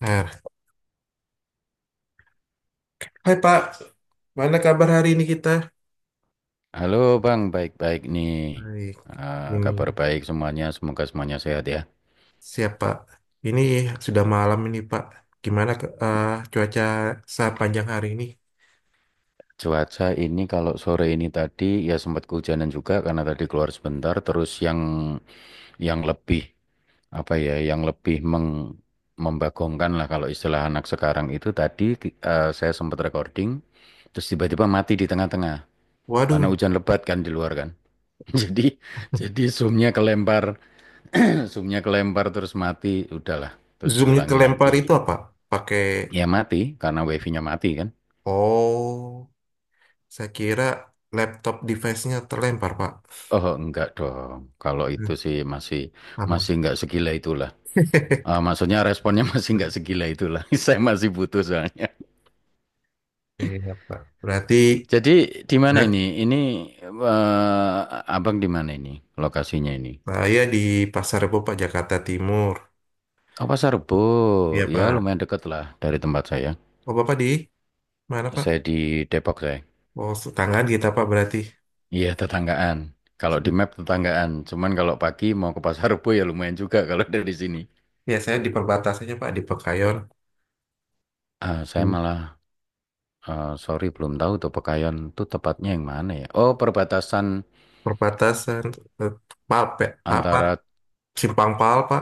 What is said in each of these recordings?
Nah, hai Pak, mana kabar hari ini kita? Halo Bang, baik-baik nih. Baik, ini Kabar baik semuanya, semoga semuanya sehat ya. siapa? Ini sudah malam ini Pak. Gimana cuaca sepanjang hari ini? Cuaca ini kalau sore ini tadi ya sempat kehujanan juga karena tadi keluar sebentar. Terus yang lebih apa ya, yang lebih membagongkan lah kalau istilah anak sekarang itu tadi saya sempat recording, terus tiba-tiba mati di tengah-tengah karena Waduh, hujan lebat kan di luar kan. Jadi jadi zoomnya kelempar, zoomnya kelempar terus mati, udahlah terus zoomnya diulangin kelempar lagi. itu apa? Pakai, Ya mati karena wifi-nya mati kan? oh, saya kira laptop device-nya terlempar Pak. Oh enggak dong. Kalau Hmm, itu sih masih aman. masih enggak segila itulah. Maksudnya responnya masih enggak segila itulah. Saya masih butuh soalnya. Iya Pak, berarti, Jadi di mana eh, ini? Abang di mana ini? Lokasinya ini? saya di Pasar Rebo Pak, Jakarta Timur. Oh Pasar Rebo. Iya Ya Pak. lumayan deket lah dari tempat saya. Oh Bapak di mana Pak? Saya di Depok saya. Oh, tetanggaan kita Pak berarti. Iya tetanggaan. Kalau di map tetanggaan. Cuman kalau pagi mau ke Pasar Rebo ya lumayan juga kalau dari sini. Ya, saya di perbatasannya, Pak, di Pekayon. Ah, saya Di malah sorry belum tahu tuh Pekayon tuh tepatnya yang mana ya? Oh perbatasan perbatasan, eh, Palpe, apa? antara Simpang Pal, Pak.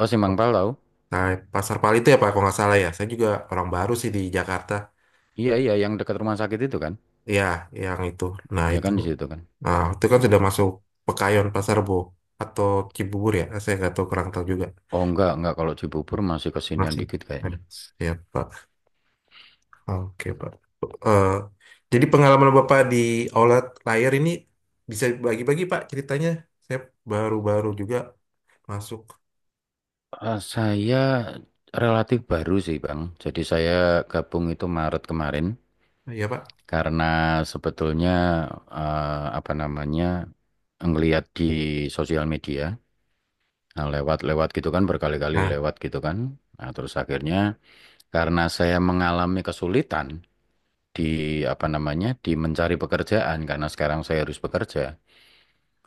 Oh Simangpal tahu? Nah, Pasar Pal itu ya, Pak, kalau nggak salah ya. Saya juga orang baru sih di Jakarta. Iya iya yang dekat rumah sakit itu kan? Ya, yang itu. Nah, Iya itu. kan di situ kan? Nah, itu kan sudah masuk Pekayon, Pasar Bo. Atau Cibubur ya. Saya nggak tahu, kurang tahu juga. Oh enggak kalau Cibubur masih kesinian Masih. dikit Eh, kayaknya. Siap, Pak. Oke, Pak. Eh, jadi pengalaman Bapak di Oulet Layar ini bisa bagi-bagi, Pak, ceritanya. Saya baru-baru juga masuk. Saya relatif baru sih Bang. Jadi saya gabung itu Maret kemarin Iya, Pak. karena sebetulnya apa namanya ngelihat di sosial media. Nah, lewat-lewat gitu kan berkali-kali Nah, lewat gitu kan. Nah, terus akhirnya karena saya mengalami kesulitan di apa namanya di mencari pekerjaan karena sekarang saya harus bekerja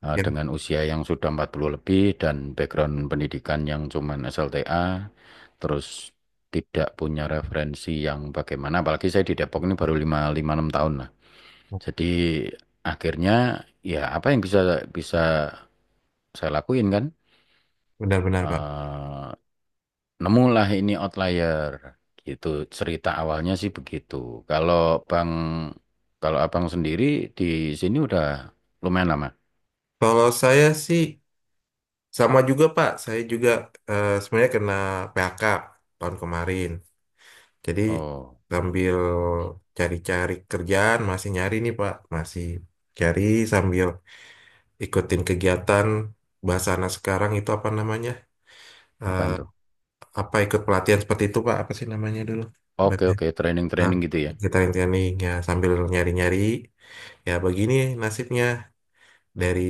ya, dengan usia yang sudah 40 lebih dan background pendidikan yang cuman SLTA, terus tidak punya referensi yang bagaimana apalagi saya di Depok ini baru 5 lima 6 tahun lah. Jadi akhirnya ya apa yang bisa bisa saya lakuin kan? benar-benar, Pak. Eh, Nemulah ini outlier, gitu, cerita awalnya sih begitu. Kalau Bang kalau Abang sendiri di sini udah lumayan lama. Kalau saya sih sama juga, Pak. Saya juga, sebenarnya kena PHK tahun kemarin. Jadi Oh, sambil cari-cari kerjaan, masih nyari nih, Pak. Masih cari sambil ikutin kegiatan, bahasa anak sekarang itu apa namanya? Eh, apaan tuh? apa ikut pelatihan seperti itu, Pak? Apa sih namanya dulu? Oke Berarti, oke nah, training-training gitu ya. kita training ya sambil nyari-nyari. Ya begini nasibnya. Dari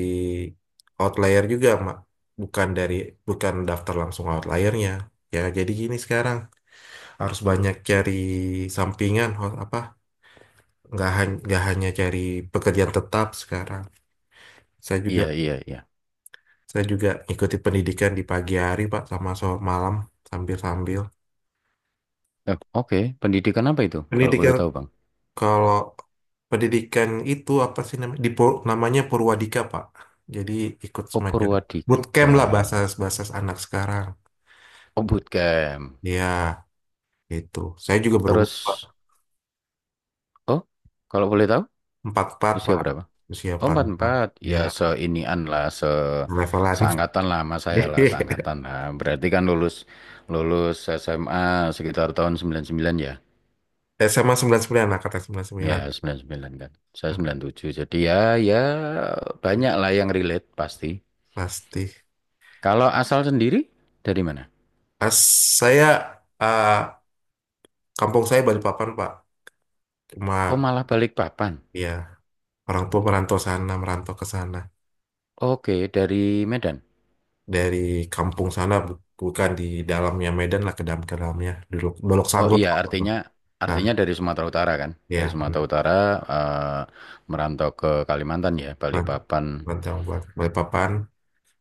outlier juga mak, bukan dari, bukan daftar langsung outliernya. Ya jadi gini, sekarang harus banyak cari sampingan, apa, nggak hanya cari pekerjaan tetap sekarang. saya juga Iya iya iya. saya juga ikuti pendidikan di pagi hari pak, sama so malam, sambil sambil Oke, pendidikan apa itu kalau boleh pendidikan. tahu Bang? Kalau pendidikan itu apa sih namanya, di namanya Purwadika pak, jadi ikut Oh, semacam bootcamp lah, Purwadika. bahasa bahasa anak sekarang Oh, bootcamp. ya. Gitu. Saya juga berumur Terus Pak. oh, kalau boleh tahu 44, usia Pak. berapa? Usia Oh, empat empat puluh empat empat, Ya, ya seinian lah, se levelan. seangkatan lah sama saya lah, seangkatan lah. Berarti kan lulus lulus SMA sekitar tahun sembilan sembilan ya, SMA 99 lah, kata sembilan angkatan sembilan puluh ya sembilan. sembilan sembilan kan. Saya sembilan tujuh jadi ya ya banyak lah yang relate pasti. Pasti. Kalau asal sendiri dari mana? Ah, saya, ah, kampung saya Balikpapan, Pak. Oh, Cuma, malah balik papan. ya, orang tua merantau sana, merantau ke sana. Oke, dari Medan. Dari kampung sana, bukan di dalamnya Medan lah, ke dalam ke dalamnya. Dolok, Dolok Oh Sanggur. iya, artinya Nah, artinya dari Sumatera Utara kan? Dari ya, Sumatera Utara eh, merantau ke Kalimantan ya, balik benar. papan. Merantau buat Balikpapan.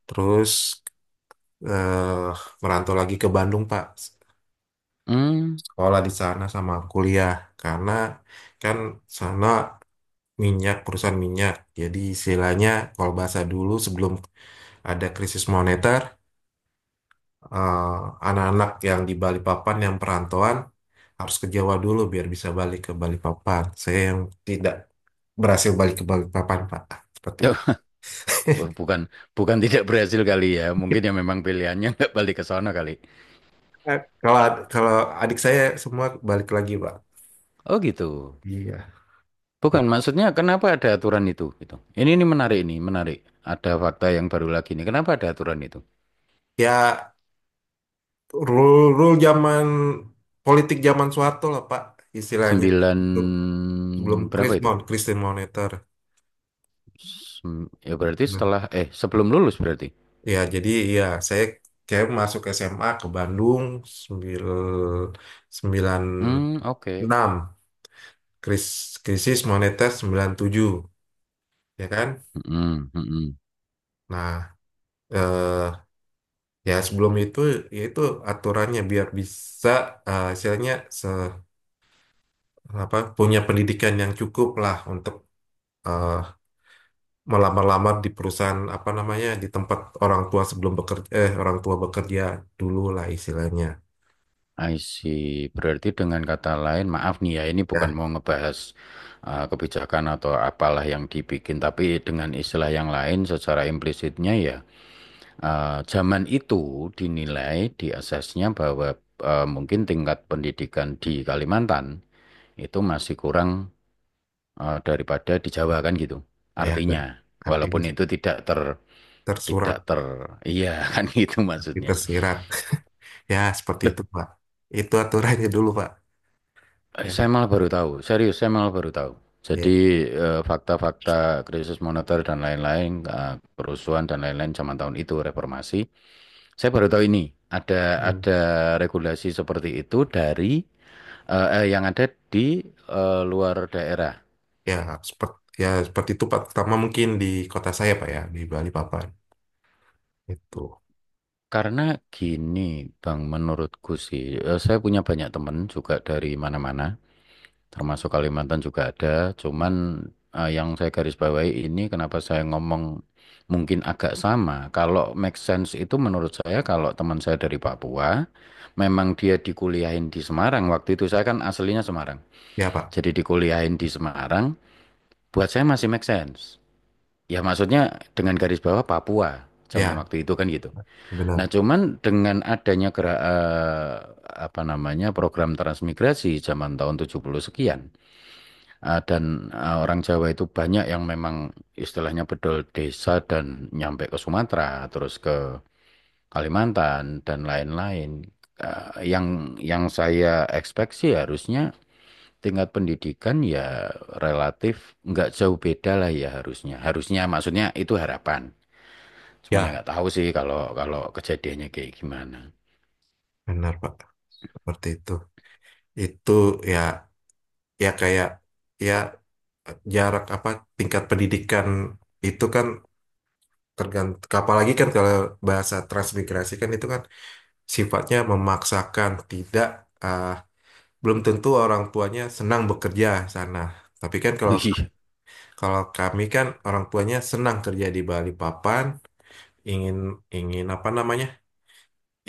Terus, eh, merantau lagi ke Bandung Pak, Hmm. sekolah di sana sama kuliah, karena kan sana minyak, perusahaan minyak, jadi istilahnya kalau bahasa dulu sebelum ada krisis moneter, eh, anak-anak yang di Balikpapan yang perantauan harus ke Jawa dulu biar bisa balik ke Balikpapan. Saya yang tidak berhasil balik ke Balikpapan Pak, seperti itu. Wah, Bukan bukan tidak berhasil kali ya. Mungkin ya memang pilihannya nggak balik ke sana kali. Kalau kalau adik saya semua balik lagi Pak, Oh gitu. iya. Bukan maksudnya kenapa ada aturan itu gitu. Ini menarik ini, menarik. Ada fakta yang baru lagi nih. Kenapa ada aturan itu? Ya rule-rule zaman politik zaman Soeharto lah Pak, istilahnya. Sembilan Sebelum sebelum berapa Chris itu? Mon, Christian. Sem- ya berarti Nah, setelah eh sebelum lulus berarti. ya jadi ya saya kayak masuk SMA ke Bandung sembil, sembilan Hmm, oke. enam krisis moneter 97 ya kan. Mm-mm, mm-mm. Nah, eh, ya sebelum itu ya itu aturannya biar bisa, istilahnya, se, apa, punya pendidikan yang cukup lah untuk eh, melamar-lamar di perusahaan apa namanya di tempat orang tua sebelum bekerja, eh orang tua bekerja dulu lah istilahnya. I see. Berarti dengan kata lain, maaf nih ya, ini bukan Ya, mau ngebahas kebijakan atau apalah yang dibikin, tapi dengan istilah yang lain secara implisitnya ya, zaman itu dinilai di asesnya bahwa mungkin tingkat pendidikan di Kalimantan itu masih kurang, daripada di Jawa kan gitu. ya, Artinya, artinya walaupun itu tidak ter tidak tersurat ter iya kan gitu tapi maksudnya. tersirat. Ya seperti Loh, itu Pak, itu aturannya dulu Pak. Ya, saya malah baru tahu, serius saya malah baru tahu. Jadi ya. Fakta-fakta krisis moneter dan lain-lain, kerusuhan dan lain-lain zaman tahun itu reformasi. Saya baru tahu ini ada Hmm. ada regulasi seperti itu dari yang ada di luar daerah. Ya seperti, ya seperti itu Pak, pertama mungkin di kota saya Pak, ya di Bali Papan itu. Karena gini, Bang, menurutku sih, saya punya banyak teman juga dari mana-mana, termasuk Kalimantan juga ada. Cuman yang saya garis bawahi ini kenapa saya ngomong mungkin agak sama. Kalau make sense itu menurut saya kalau teman saya dari Papua, memang dia dikuliahin di Semarang. Waktu itu saya kan aslinya Semarang. Ya Pak, Jadi dikuliahin di Semarang, buat saya masih make sense. Ya maksudnya dengan garis bawah Papua zaman ya waktu itu kan gitu. Nah benar. cuman dengan adanya apa namanya program transmigrasi zaman tahun 70 sekian. Ah, dan orang Jawa itu banyak yang memang istilahnya bedol desa dan nyampe ke Sumatera, terus ke Kalimantan dan lain-lain. Ah, yang yang saya expect sih harusnya tingkat pendidikan ya relatif nggak jauh beda lah ya harusnya. Harusnya maksudnya itu harapan. Cuman ya Ya nggak tahu sih kalau kalau kejadiannya kayak gimana. benar Pak, seperti itu itu. Ya, ya, kayak ya, jarak apa, tingkat pendidikan itu kan tergantung, apalagi kan kalau bahasa transmigrasi kan itu kan sifatnya memaksakan, tidak, eh, belum tentu orang tuanya senang bekerja sana. Tapi kan kalau, kalau kami kan orang tuanya senang kerja di Bali Papan, ingin ingin apa namanya,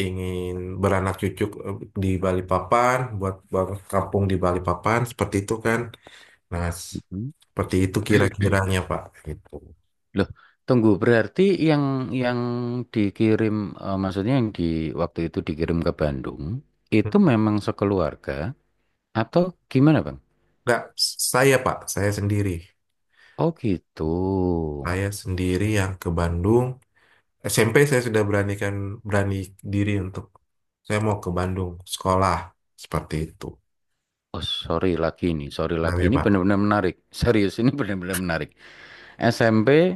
ingin beranak cucu, eh, di Bali Papan, buat buat kampung di Bali Papan, seperti itu kan. Nah, seperti itu Iya. kira-kiranya, Pak. Gitu. Loh, tunggu berarti yang dikirim eh, maksudnya yang di waktu itu dikirim ke Bandung itu memang sekeluarga atau gimana, Bang? Enggak, saya, Pak, saya sendiri. Oh, gitu. Saya sendiri yang ke Bandung. SMP saya sudah beranikan, berani diri untuk saya mau ke Bandung sekolah, seperti itu. Oh, sorry Nah, lagi ya, ini Pak. benar-benar menarik. Serius ini benar-benar menarik. SMP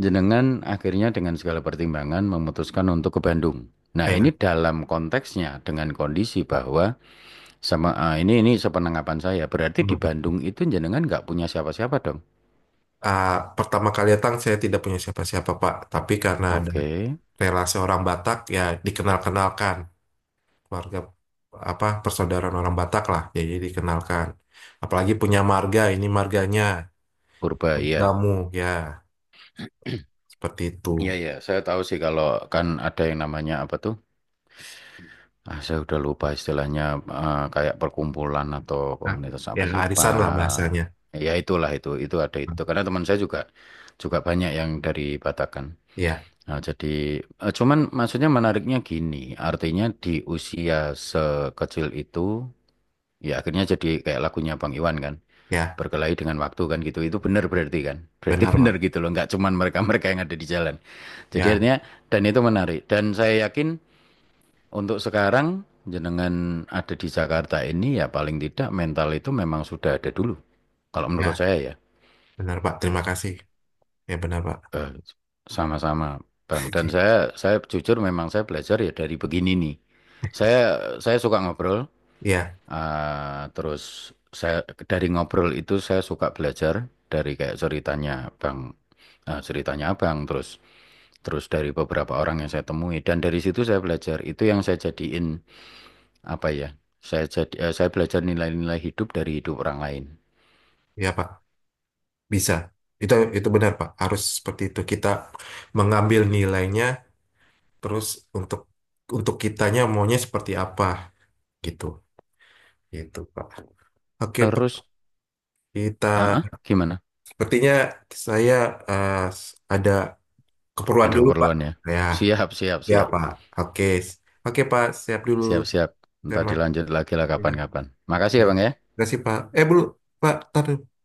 jenengan akhirnya dengan segala pertimbangan memutuskan untuk ke Bandung. Nah, Eh, ini dalam konteksnya dengan kondisi bahwa sama ah, ini sepenangkapan saya berarti di hmm. Bandung itu jenengan nggak punya siapa-siapa dong. Ah, pertama kali datang saya tidak punya siapa-siapa, Pak. Tapi karena ada Oke, relasi orang Batak ya dikenal-kenalkan, keluarga apa, persaudaraan orang Batak lah. Ya, jadi dikenalkan. Apalagi punya marga, ini marganya. purba ya. Kamu, ya seperti Iya itu. ya, saya tahu sih kalau kan ada yang namanya apa tuh? Saya udah lupa istilahnya kayak perkumpulan atau Nah, komunitas ya apa sih, arisan lah Pak? bahasanya. Ya itulah itu ada itu. Karena teman saya juga juga banyak yang dari Batakkan. Ya, Nah, jadi cuman maksudnya menariknya gini, artinya di usia sekecil itu ya akhirnya jadi kayak lagunya Bang Iwan kan. ya, Berkelahi dengan waktu kan gitu. Itu benar berarti kan. Berarti benar benar Pak. gitu loh, nggak cuman mereka-mereka yang ada di jalan. Jadi Ya, artinya dan itu menarik dan saya yakin untuk sekarang jenengan ada di Jakarta ini ya paling tidak mental itu memang sudah ada dulu. Kalau menurut ya, saya ya benar Pak. Terima kasih. Ya benar Pak. Eh, sama-sama Bang dan saya jujur memang saya belajar ya dari begini nih. Saya saya suka ngobrol Ya, terus saya dari ngobrol itu saya suka belajar dari kayak ceritanya Bang ceritanya Abang terus terus dari beberapa orang yang saya temui dan dari situ saya belajar itu yang saya jadiin apa ya? Saya jadi saya belajar nilai-nilai hidup dari hidup orang lain. ya Pak. Bisa. Itu benar Pak. Harus seperti itu. Kita mengambil nilainya terus, untuk untuk kitanya maunya seperti apa, gitu. Gitu Pak. Oke Terus, Pak. Kita gimana? sepertinya, saya eh, ada keperluan Ada dulu Pak. keperluan ya? Ya. Siap, siap, Ya, siap. Pak. Oke. Oke, Pak. Siap dulu. Siap, siap. Siap, Ntar Mas. dilanjut lagi lah Ya, kapan-kapan. Makasih ya. ya, Bang ya. Terima kasih, Pak. Dulu. Pak, taruh.